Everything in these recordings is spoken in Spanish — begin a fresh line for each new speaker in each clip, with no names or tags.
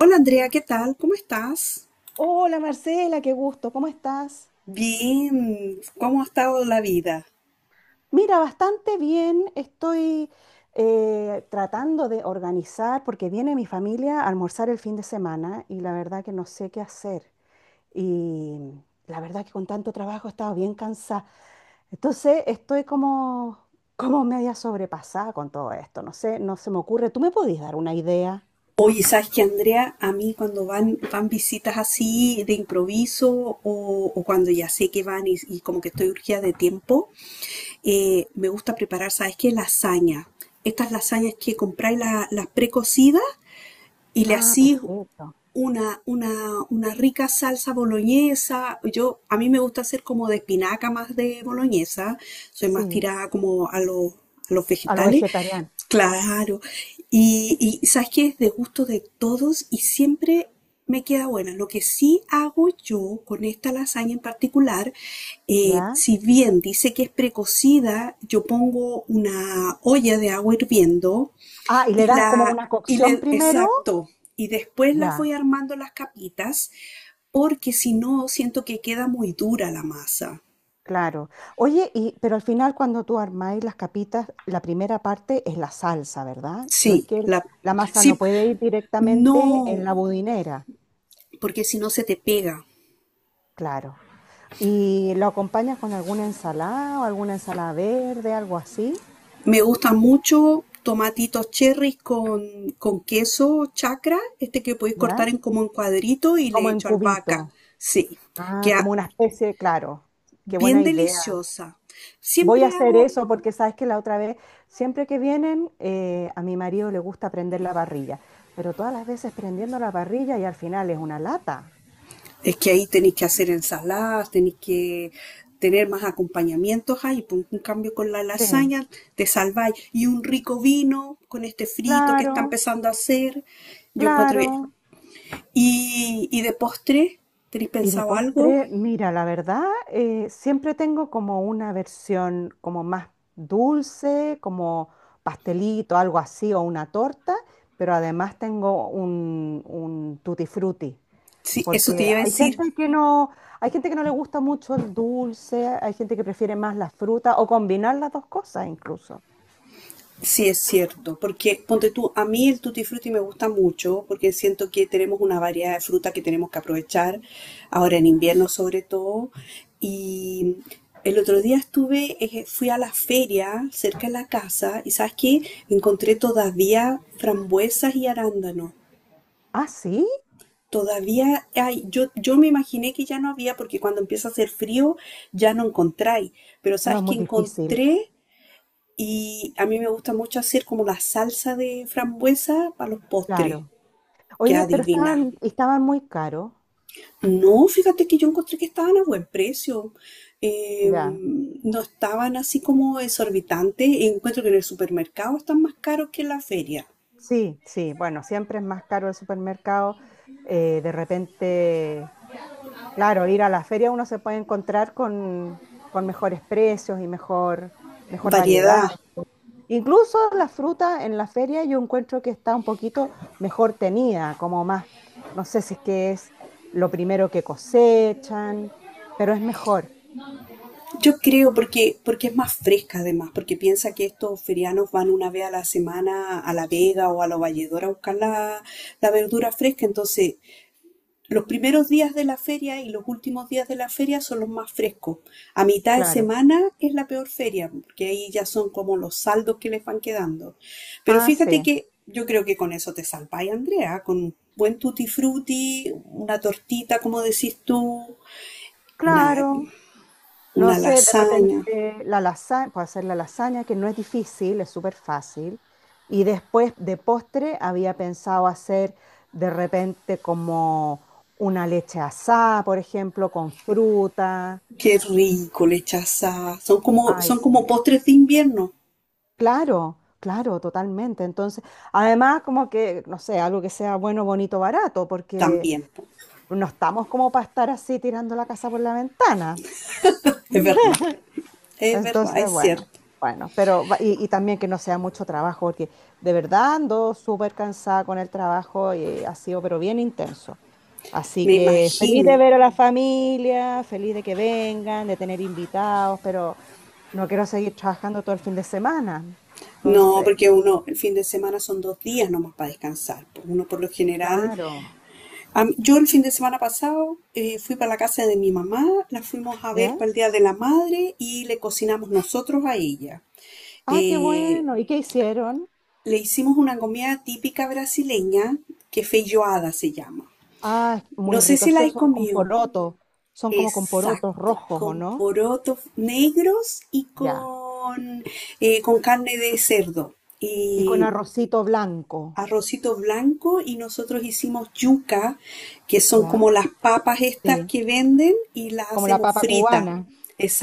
Hola Andrea, ¿qué tal? ¿Cómo estás?
Hola Marcela, qué gusto, ¿cómo estás?
Bien, ¿cómo ha estado la vida?
Mira, bastante bien, estoy tratando de organizar porque viene mi familia a almorzar el fin de semana y la verdad que no sé qué hacer. Y la verdad que con tanto trabajo he estado bien cansada. Entonces estoy como media sobrepasada con todo esto, no sé, no se me ocurre. ¿Tú me podías dar una idea?
Oye, ¿sabes qué, Andrea? A mí cuando van visitas así de improviso o cuando ya sé que van y como que estoy urgida de tiempo, me gusta preparar, ¿sabes qué? Lasaña. Estas lasañas que compráis las precocidas y le
Ah,
hacís
perfecto.
una rica salsa boloñesa. Yo, a mí me gusta hacer como de espinaca más de boloñesa. Soy más
Sí,
tirada como a a los
a lo
vegetales.
vegetariano.
Claro. Y sabes que es de gusto de todos y siempre me queda buena. Lo que sí hago yo con esta lasaña en particular,
¿Ya?
si bien dice que es precocida, yo pongo una olla de agua hirviendo
Ah, y le
y
das como una cocción primero.
exacto. Y después las
Ya.
voy armando las capitas, porque si no, siento que queda muy dura la masa.
Claro. Oye, y pero al final cuando tú armáis las capitas, la primera parte es la salsa, ¿verdad? No es
Sí,
que el-
la,
La masa no
sí,
puede ir directamente en
no,
la budinera,
porque si no se te pega.
claro. ¿Y lo acompañas con alguna ensalada o alguna ensalada verde, algo así?
Me gustan mucho tomatitos cherries con queso chacra, este que podéis cortar
¿Ya?
en como en cuadrito y le
Como en
echo albahaca.
cubito.
Sí,
Ah,
queda
como una especie, claro. Qué
bien
buena idea.
deliciosa.
Voy a
Siempre
hacer
hago.
eso porque sabes que la otra vez, siempre que vienen, a mi marido le gusta prender la parrilla, pero todas las veces prendiendo la parrilla y al final es una lata.
Es que ahí tenéis que hacer ensaladas, tenéis que tener más acompañamientos ahí, pues. En cambio, con la
Sí,
lasaña te salváis. Y un rico vino con este frito que está
claro,
empezando a hacer. Yo encuentro bien.
claro.
Y de postre, ¿tenéis
Y de
pensado algo?
postre, mira, la verdad, siempre tengo como una versión como más dulce, como pastelito, algo así, o una torta, pero además tengo un tutti frutti.
Sí, eso te
Porque
iba a
hay sí,
decir.
gente que no, hay gente que no le gusta mucho el dulce, hay gente que prefiere más la fruta o combinar las dos cosas incluso.
Sí, es cierto, porque ponte tú, a mí el tutti frutti me gusta mucho porque siento que tenemos una variedad de fruta que tenemos que aprovechar, ahora en invierno sobre todo. Y el otro día estuve, fui a la feria cerca de la casa y ¿sabes qué? Encontré todavía frambuesas y arándanos.
Ah, sí,
Todavía hay, yo me imaginé que ya no había porque cuando empieza a hacer frío ya no encontráis, pero
no
¿sabes
es
qué
muy difícil,
encontré? Y a mí me gusta mucho hacer como la salsa de frambuesa para los postres.
claro.
Queda
Oye, pero
divina.
estaban muy caros.
No, fíjate que yo encontré que estaban a buen precio. Eh,
Ya.
no estaban así como exorbitantes. Encuentro que en el supermercado están más caros que en la feria.
Sí, sí, bueno, siempre es más caro el supermercado. De repente, claro, ir a la feria uno se puede encontrar con mejores precios y mejor variedad.
Variedad.
Incluso la fruta en la feria yo encuentro que está un poquito mejor tenida, como más, no sé si es que es lo primero que cosechan, pero es mejor,
Yo creo porque, porque es más fresca además, porque piensa que estos ferianos van una vez a la semana a La Vega o a La Valledora a buscar la verdura fresca, entonces los primeros días de la feria y los últimos días de la feria son los más frescos. A mitad de
claro.
semana es la peor feria, porque ahí ya son como los saldos que les van quedando. Pero
Ah,
fíjate
sí,
que yo creo que con eso te salváis, Andrea, con un buen tutti frutti, una tortita, como decís tú, y nada,
claro. No
una
sé, de
lasaña.
repente la lasaña, puedo hacer la lasaña, que no es difícil, es súper fácil. Y después de postre había pensado hacer de repente como una leche asada, por ejemplo, con fruta.
Qué rico, lechaza.
Ay,
Son como
sí.
postres de invierno
Claro, claro, totalmente. Entonces, además, como que, no sé, algo que sea bueno, bonito, barato, porque
también, po.
no estamos como para estar así tirando la casa por la ventana.
Es verdad, es
Entonces,
verdad, es
bueno,
cierto.
bueno, pero y también que no sea mucho trabajo, porque de verdad ando súper cansada con el trabajo y ha sido, pero bien intenso. Así
Me
que feliz de
imagino.
ver a la familia, feliz de que vengan, de tener invitados, pero no quiero seguir trabajando todo el fin de semana.
No,
Entonces,
porque uno, el fin de semana son dos días nomás para descansar, pues. Uno por lo general,
claro.
yo el fin de semana pasado fui para la casa de mi mamá, la fuimos a ver
¿Ya?
para el Día de la Madre y le cocinamos nosotros a ella.
Ah, qué
Eh,
bueno. ¿Y qué hicieron?
le hicimos una comida típica brasileña que feijoada se llama.
Ah, muy
No sé
rico.
si la has
Esos son con
comido.
porotos. Son como con porotos
Exacto,
rojos, ¿o
con
no?
porotos negros y
Ya.
con carne de cerdo.
Y con
Y
arrocito blanco.
arrocito blanco y nosotros hicimos yuca, que son
¿Ya?
como las papas estas
Sí.
que venden y las
Como la
hacemos
papa
fritas.
cubana.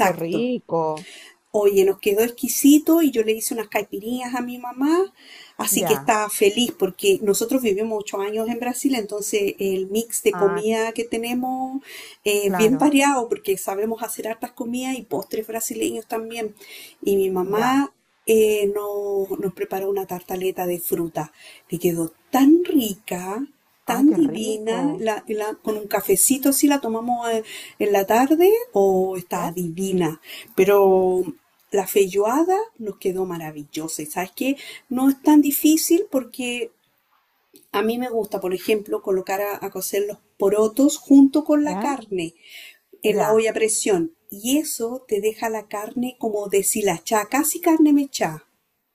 Qué rico.
Oye, nos quedó exquisito y yo le hice unas caipirinhas a mi mamá, así que
Ya.
estaba feliz porque nosotros vivimos 8 años en Brasil, entonces el mix de
Ah,
comida que tenemos es bien
claro.
variado porque sabemos hacer hartas comidas y postres brasileños también. Y mi
Ya.
mamá nos preparó una tartaleta de fruta, que quedó tan rica,
Ah,
tan
qué rico.
divina. Con un cafecito si la tomamos en la tarde, o está
¿Ya?
divina. Pero la feijoada nos quedó maravillosa. Y sabes que no es tan difícil porque a mí me gusta, por ejemplo, colocar a cocer los porotos junto con la
¿Ya?
carne en la
Ya.
olla a presión. Y eso te deja la carne como deshilachada, casi carne mechada.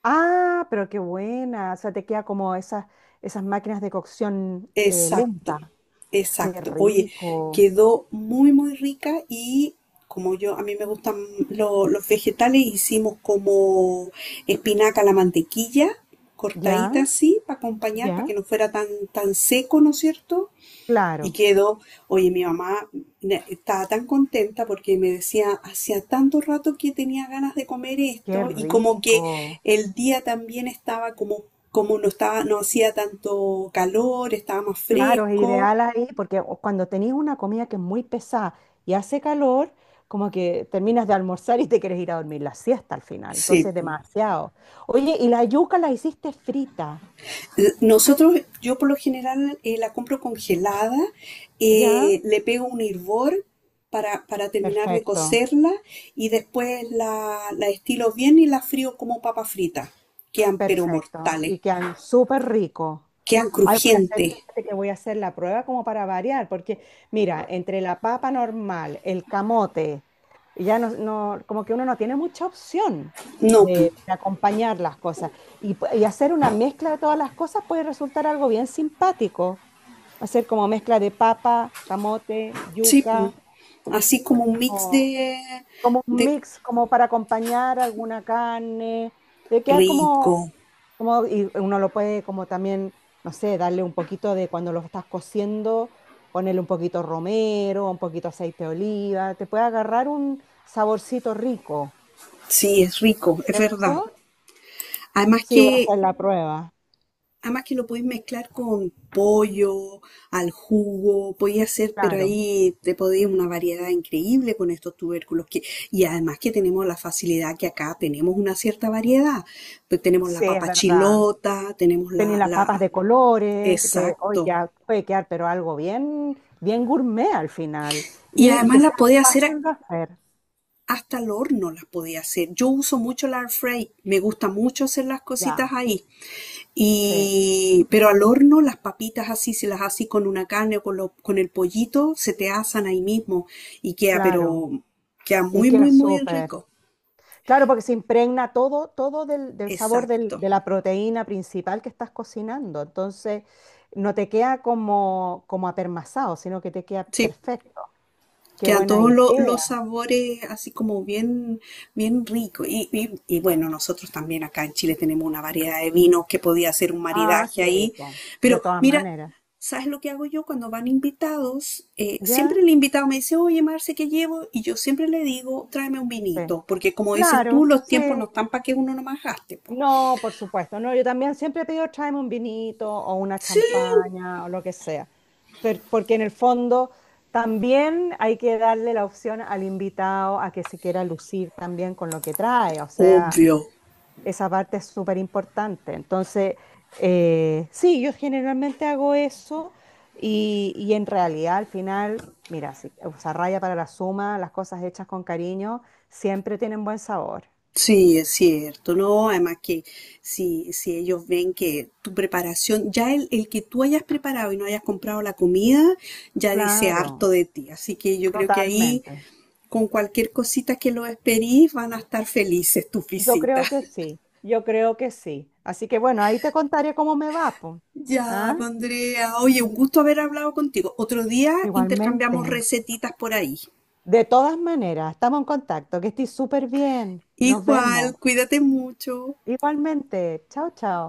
Ah, pero qué buena. O sea, te queda como esas, esas máquinas de cocción
Exacto.
lenta. Qué
Exacto. Oye,
rico.
quedó muy, muy rica y como yo, a mí me gustan los vegetales, hicimos como espinaca a la mantequilla,
¿Ya?
cortadita así, para acompañar, para
¿Ya?
que no fuera tan, tan seco, ¿no es cierto? Y
Claro.
quedó, oye, mi mamá estaba tan contenta porque me decía, hacía tanto rato que tenía ganas de comer
Qué
esto, y como que
rico.
el día también estaba como, como no estaba, no hacía tanto calor, estaba más
Claro, es
fresco.
ideal ahí porque cuando tenéis una comida que es muy pesada y hace calor, como que terminas de almorzar y te quieres ir a dormir la siesta al final.
Sí,
Entonces,
pues.
demasiado. Oye, ¿y la yuca la hiciste frita?
Nosotros, yo por lo general la compro congelada,
¿Ya?
le pego un hervor para terminar de
Perfecto,
cocerla y después la estilo bien y la frío como papa frita. Quedan pero
perfecto.
mortales,
Y quedan súper ricos.
quedan
Ay, voy a hacer,
crujientes.
fíjate que voy a hacer la prueba como para variar, porque mira, entre la papa normal, el camote, ya como que uno no tiene mucha opción
No, pu.
de acompañar las cosas. Y hacer una mezcla de todas las cosas puede resultar algo bien simpático. Hacer como mezcla de papa, camote,
Sí, pu.
yuca,
Así como un mix
o como un
de
mix, como para acompañar alguna carne, de quedar como
rico.
como, y uno lo puede como también, no sé, darle un poquito de cuando lo estás cociendo, ponerle un poquito romero, un poquito aceite de oliva, te puede agarrar un saborcito rico,
Sí, es
¿no
rico,
es
es verdad.
cierto?
Además
Sí, voy a
que
hacer la prueba.
además que lo podéis mezclar con pollo, al jugo, podéis hacer, pero
Claro,
ahí te podéis una variedad increíble con estos tubérculos. Que, y además que tenemos la facilidad que acá tenemos una cierta variedad. Pues tenemos la
sí, es
papa
verdad.
chilota, tenemos
Tenía las papas
la,
de colores, que hoy
exacto.
ya puede quedar, pero algo bien, bien gourmet al final.
Y
Y
además
que
las
sea
podéis hacer
fácil de hacer.
hasta al horno, las podéis hacer. Yo uso mucho la air fry, me gusta mucho hacer las cositas
Ya,
ahí.
sí,
Y, pero al horno las papitas así, si las haces con una carne o con, con el pollito, se te asan ahí mismo y queda,
claro.
pero queda
Y
muy,
queda
muy, muy
súper.
rico.
Claro, porque se impregna todo, todo del, del sabor
Exacto.
de la proteína principal que estás cocinando. Entonces, no te queda como, como apermazado, sino que te queda
Sí,
perfecto. Qué
quedan
buena
todos los
idea.
sabores así como bien, bien rico. Y bueno, nosotros también acá en Chile tenemos una variedad de vinos que podía hacer un
Ah,
maridaje ahí.
sí, po, de
Pero
todas
mira,
maneras.
¿sabes lo que hago yo cuando van invitados?
¿Ya?
Siempre el invitado me dice, oye, Marce, ¿qué llevo? Y yo siempre le digo, tráeme un
Sí.
vinito, porque como dices tú,
Claro,
los
sí,
tiempos no están para que uno nomás gaste, po.
no, por supuesto, no, yo también siempre pido tráeme un vinito o una
Sí,
champaña o lo que sea, porque en el fondo también hay que darle la opción al invitado a que se quiera lucir también con lo que trae, o sea,
obvio.
esa parte es súper importante. Entonces, sí, yo generalmente hago eso y en realidad al final, mira, sí, o sea, raya para la suma, las cosas hechas con cariño siempre tienen buen sabor.
Sí, es cierto, ¿no? Además que si, si ellos ven que tu preparación, ya el que tú hayas preparado y no hayas comprado la comida, ya dice
Claro,
harto de ti. Así que yo creo que ahí,
totalmente.
con cualquier cosita que los esperís, van a estar felices tus
Yo
visitas.
creo que sí, yo creo que sí. Así que bueno, ahí te contaré cómo me va, pues.
Ya,
¿Ah?
pues, Andrea, oye, un gusto haber hablado contigo. Otro día
Igualmente.
intercambiamos recetitas por ahí.
De todas maneras, estamos en contacto, que estoy súper bien. Nos
Igual,
vemos.
cuídate mucho.
Igualmente. Chao, chao.